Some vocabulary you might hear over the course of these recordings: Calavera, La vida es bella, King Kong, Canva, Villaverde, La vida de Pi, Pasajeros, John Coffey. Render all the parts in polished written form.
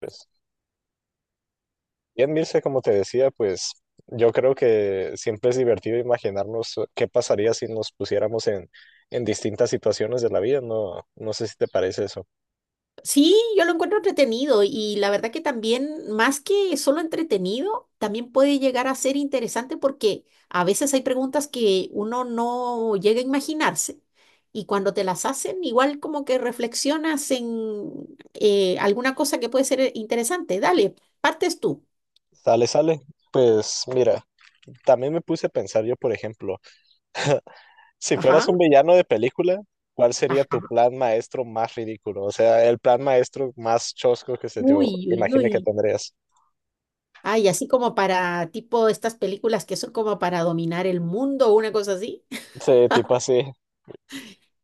Pues, bien, Mirce, como te decía, pues yo creo que siempre es divertido imaginarnos qué pasaría si nos pusiéramos en distintas situaciones de la vida, no, no sé si te parece eso. Sí, yo lo encuentro entretenido y la verdad que también, más que solo entretenido, también puede llegar a ser interesante porque a veces hay preguntas que uno no llega a imaginarse y cuando te las hacen, igual como que reflexionas en alguna cosa que puede ser interesante. Dale, partes tú. Sale, sale. Pues mira, también me puse a pensar yo, por ejemplo, si fueras Ajá, un villano de película, ¿cuál sería tu ajá. plan maestro más ridículo? O sea, el plan maestro más chosco que se te Uy, uy, imagine que uy. tendrías. Ay, así como para tipo estas películas que son como para dominar el mundo o una cosa así. Sí, tipo así.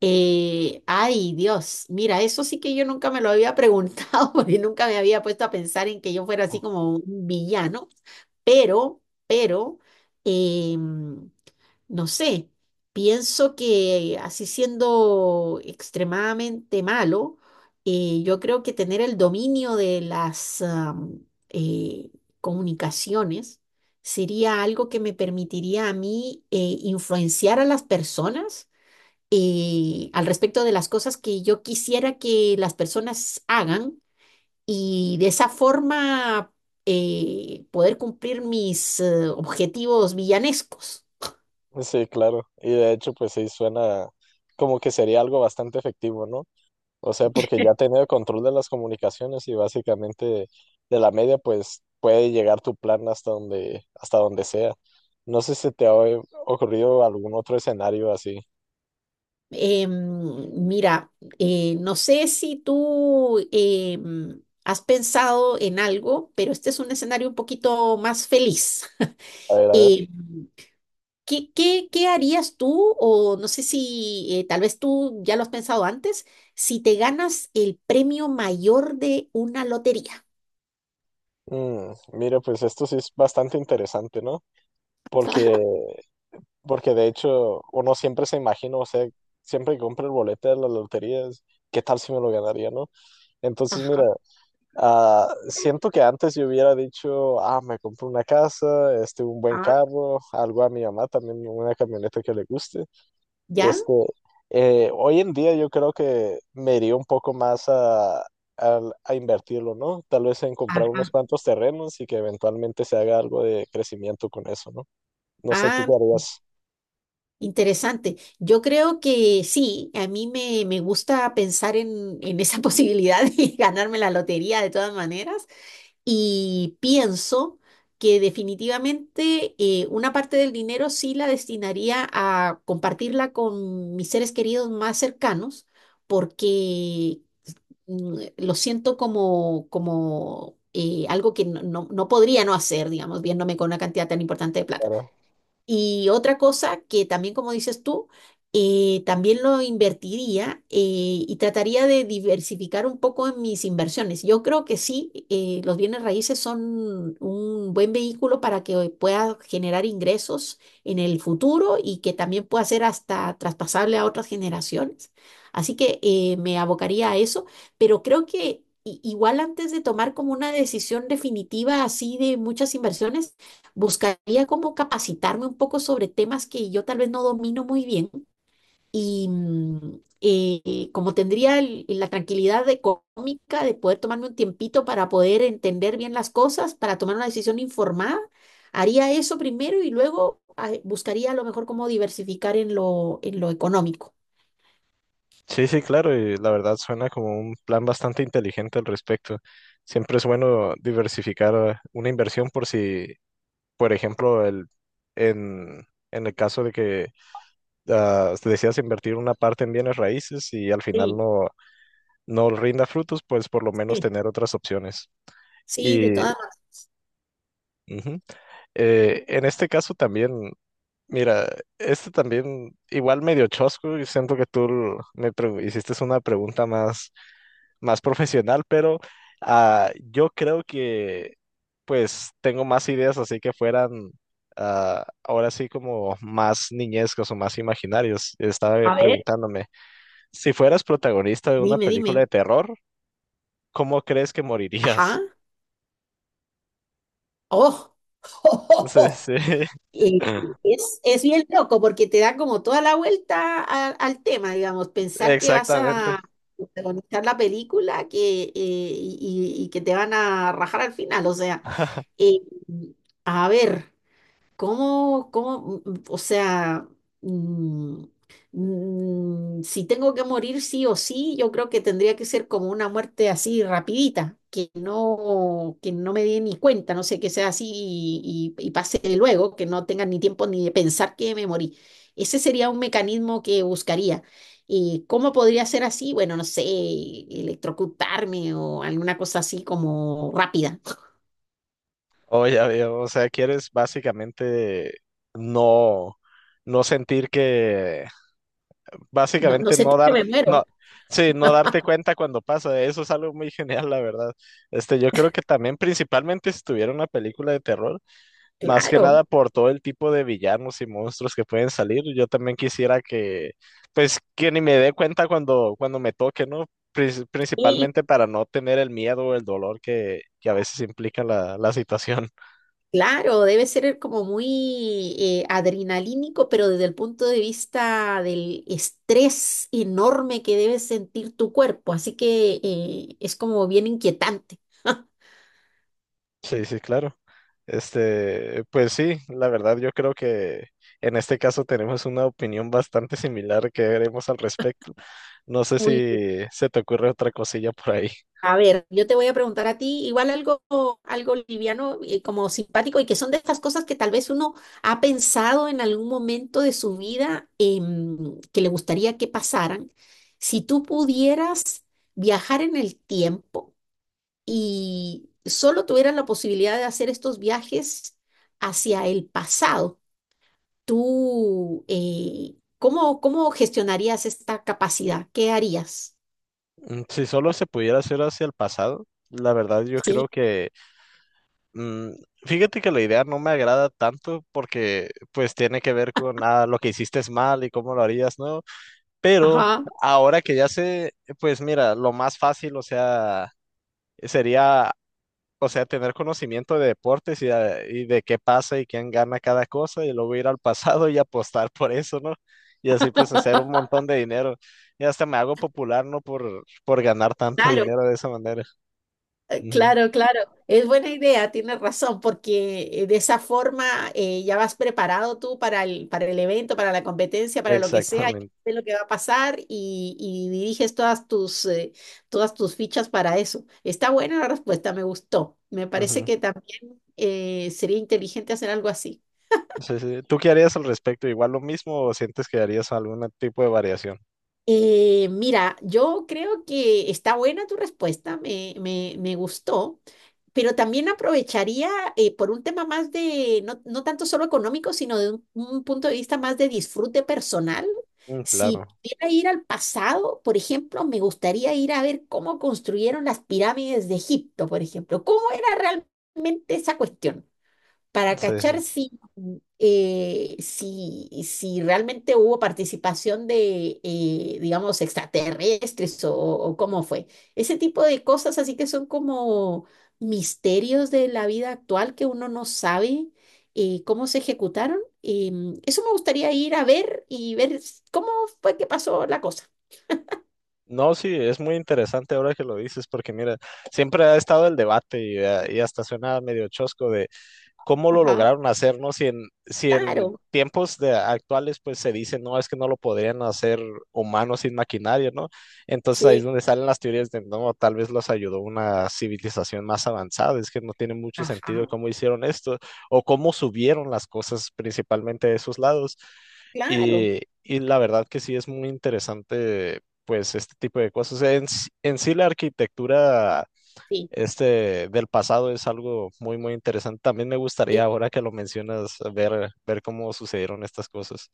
Ay, Dios, mira, eso sí que yo nunca me lo había preguntado, porque nunca me había puesto a pensar en que yo fuera así como un villano, pero, pero, em, no sé, pienso que así siendo extremadamente malo, yo creo que tener el dominio de las eh, comunicaciones sería algo que me permitiría a mí influenciar a las personas al respecto de las cosas que yo quisiera que las personas hagan y de esa forma poder cumplir mis objetivos villanescos. Sí, claro. Y de hecho, pues sí, suena como que sería algo bastante efectivo, ¿no? O sea, porque ya teniendo control de las comunicaciones y básicamente de la media, pues puede llegar tu plan hasta donde sea. No sé si te ha ocurrido algún otro escenario así. Em, mira, no sé si tú has pensado en algo, pero este es un escenario un poquito más feliz. A ver, a ver. Em, qué harías tú? O no sé si tal vez tú ya lo has pensado antes, si te ganas el premio mayor de una lotería. Mira, pues esto sí es bastante interesante, ¿no? Porque, porque de hecho uno siempre se imagina, o sea, siempre que compra el boleto de las loterías, ¿qué tal si me lo ganaría, no? Entonces, mira. Ajá. Ah, siento que antes yo hubiera dicho, ah, me compro una casa, este, un buen Ah, carro, algo a mi mamá también, una camioneta que le guste. ¿ya? Este, hoy en día yo creo que me iría un poco más a invertirlo, ¿no? Tal vez en comprar Ajá. unos cuantos terrenos y que eventualmente se haga algo de crecimiento con eso, ¿no? No sé, tú Ah, qué harías, interesante. Yo creo que sí, a me gusta pensar en esa posibilidad de ganarme la lotería de todas maneras. Y pienso que definitivamente una parte del dinero sí la destinaría a compartirla con mis seres queridos más cercanos, porque lo siento como, como algo que no podría no hacer, digamos, viéndome con una cantidad tan importante de plata. Clara? Y otra cosa que también, como dices tú, también lo invertiría y trataría de diversificar un poco en mis inversiones. Yo creo que sí, los bienes raíces son un buen vehículo para que pueda generar ingresos en el futuro y que también pueda ser hasta traspasable a otras generaciones. Así que me abocaría a eso, pero creo que... i- igual antes de tomar como una decisión definitiva así de muchas inversiones, buscaría como capacitarme un poco sobre temas que yo tal vez no domino muy bien y como tendría la tranquilidad económica de poder tomarme un tiempito para poder entender bien las cosas, para tomar una decisión informada, haría eso primero y luego buscaría a lo mejor cómo diversificar en en lo económico. Sí, sí, claro, y la verdad suena como un plan bastante inteligente al respecto. Siempre es bueno diversificar una inversión por si. Por ejemplo, en, en el caso de que te decidas invertir una parte en bienes raíces y al final Sí, no, no rinda frutos, pues por lo menos sí. tener otras opciones. Sí, de Y todas maneras. ujú. En este caso también, mira, este también igual medio chosco y siento que tú hiciste una pregunta más, más profesional, pero yo creo que pues tengo más ideas así que fueran ahora sí como más niñescos o más imaginarios. Estaba A ver, preguntándome, si fueras protagonista de una dime, película de dime. terror, ¿cómo crees que Ajá. morirías? Oh. Sí, sí, Eh, es bien loco porque te da como toda la vuelta al tema, digamos, pensar que vas exactamente. a protagonizar la película que, y que te van a rajar al final. O sea, eh, a ver. O sea, mm, si tengo que morir sí o sí, yo creo que tendría que ser como una muerte así rapidita, que no me dé ni cuenta, no sé, que sea así y pase luego, que no tenga ni tiempo ni de pensar que me morí? Ese sería un mecanismo que buscaría. ¿Y cómo podría ser así? Bueno, no sé, electrocutarme o alguna cosa así como rápida. Oh, ya veo. O sea, quieres básicamente no, no sentir que. No, no Básicamente no sentir que dar, me muero. no, sí, no darte cuenta cuando pasa, eso es algo muy genial, la verdad. Este, yo creo que también principalmente si tuviera una película de terror, más que nada Claro. por todo el tipo de villanos y monstruos que pueden salir, yo también quisiera que, pues, que ni me dé cuenta cuando, cuando me toque, ¿no? Sí. Principalmente para no tener el miedo o el dolor que a veces implica la situación. Claro, debe ser como muy adrenalínico, pero desde el punto de vista del estrés enorme que debe sentir tu cuerpo. Así que es como bien inquietante. Sí, sí, claro. Este, pues sí, la verdad yo creo que en este caso tenemos una opinión bastante similar que veremos al respecto. No sé Muy bien. si se te ocurre otra cosilla por ahí. A ver, yo te voy a preguntar a ti igual algo, algo liviano, como simpático, y que son de estas cosas que tal vez uno ha pensado en algún momento de su vida que le gustaría que pasaran. Si tú pudieras viajar en el tiempo y solo tuvieras la posibilidad de hacer estos viajes hacia el pasado, tú, ¿cómo, cómo gestionarías esta capacidad? ¿Qué harías? Si solo se pudiera hacer hacia el pasado, la verdad yo Sí, creo que, mm, fíjate que la idea no me agrada tanto porque pues tiene que ver con lo que hiciste es mal y cómo lo harías, ¿no? Pero ajá, ahora que ya sé, pues mira, lo más fácil, o sea, sería, o sea, tener conocimiento de deportes y de qué pasa y quién gana cada cosa y luego ir al pasado y apostar por eso, ¿no? Y así pues hacer un montón de dinero. Y hasta me hago popular, ¿no? Por ganar tanto claro. dinero de esa manera. Ujú, claro, claro, es buena idea, tienes razón, porque de esa forma ya vas preparado tú para para el evento, para la competencia, para lo que sea, ya exactamente. sabes lo que va a pasar y diriges todas tus fichas para eso. Está buena la respuesta, me gustó. Me parece Ujú. que también sería inteligente hacer algo así. Sí, sí. ¿Tú qué harías al respecto? ¿Igual lo mismo o sientes que harías algún tipo de variación? Mira, yo creo que está buena tu respuesta, me gustó, pero también aprovecharía por un tema más de, no, no tanto solo económico, sino de un punto de vista más de disfrute personal. Mm, Si claro, pudiera ir al pasado, por ejemplo, me gustaría ir a ver cómo construyeron las pirámides de Egipto, por ejemplo, cómo era realmente esa cuestión para sí, sí. cachar si, si, si realmente hubo participación de, digamos, extraterrestres o cómo fue. Ese tipo de cosas así que son como misterios de la vida actual que uno no sabe cómo se ejecutaron. Eso me gustaría ir a ver y ver cómo fue que pasó la cosa. No, sí, es muy interesante ahora que lo dices, porque mira, siempre ha estado el debate y hasta suena medio chosco de cómo lo Ajá, lograron hacer, ¿no? Si en claro, tiempos de actuales, pues se dice, no, es que no lo podrían hacer humanos sin maquinaria, ¿no? Entonces ahí es sí, donde salen las teorías de, no, tal vez los ayudó una civilización más avanzada, es que no tiene mucho sentido ajá, cómo hicieron esto o cómo subieron las cosas principalmente de esos lados. claro, Y la verdad que sí es muy interesante, pues, este tipo de cosas. En sí la arquitectura sí. este del pasado es algo muy, muy interesante. También me gustaría, ahora que lo mencionas, ver cómo sucedieron estas cosas.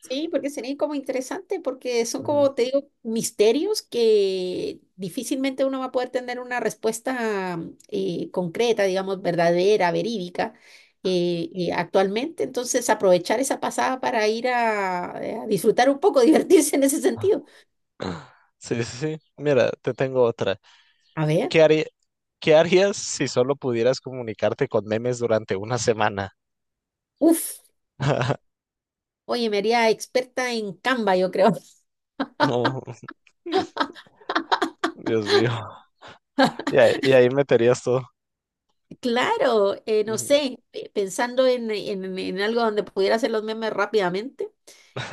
Sí, porque sería como interesante, porque son Ujú. como, te digo, misterios que difícilmente uno va a poder tener una respuesta concreta, digamos, verdadera, verídica, actualmente. Entonces, aprovechar esa pasada para ir a disfrutar un poco, divertirse en ese sentido. Ah. Sí, sí, sí. Mira, te tengo otra. A ver, ¿Qué haría- ¿qué harías si solo pudieras comunicarte con memes durante una semana? uff, oye, me haría experta en Canva, yo creo. No, Dios mío. Y ahí meterías todo. Claro, no Ujú. sé, pensando en, en algo donde pudiera hacer los memes rápidamente,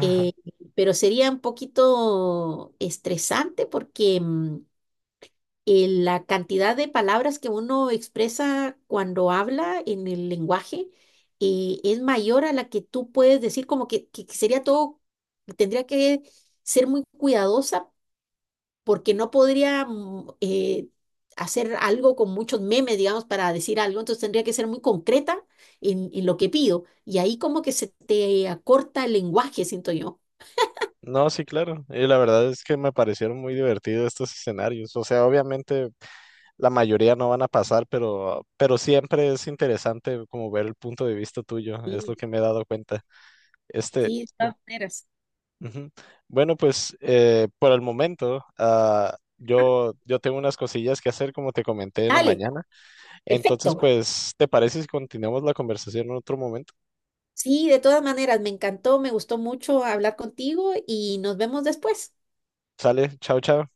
eh, pero sería un poquito estresante porque la cantidad de palabras que uno expresa cuando habla en el lenguaje es mayor a la que tú puedes decir, como que sería todo, tendría que ser muy cuidadosa porque no podría hacer algo con muchos memes, digamos, para decir algo, entonces tendría que ser muy concreta en lo que pido. Y ahí como que se te acorta el lenguaje, siento yo. No, sí, claro. Y la verdad es que me parecieron muy divertidos estos escenarios. O sea, obviamente la mayoría no van a pasar, pero siempre es interesante como ver el punto de vista tuyo, es Sí, lo que me he dado cuenta. Este, sí, de todas maneras. ujú. Bueno, pues por el momento, yo tengo unas cosillas que hacer, como te comenté en la Dale, mañana. Entonces, perfecto. pues, ¿te parece si continuamos la conversación en otro momento? Sí, de todas maneras, me encantó, me gustó mucho hablar contigo y nos vemos después. Sale, chao, chao.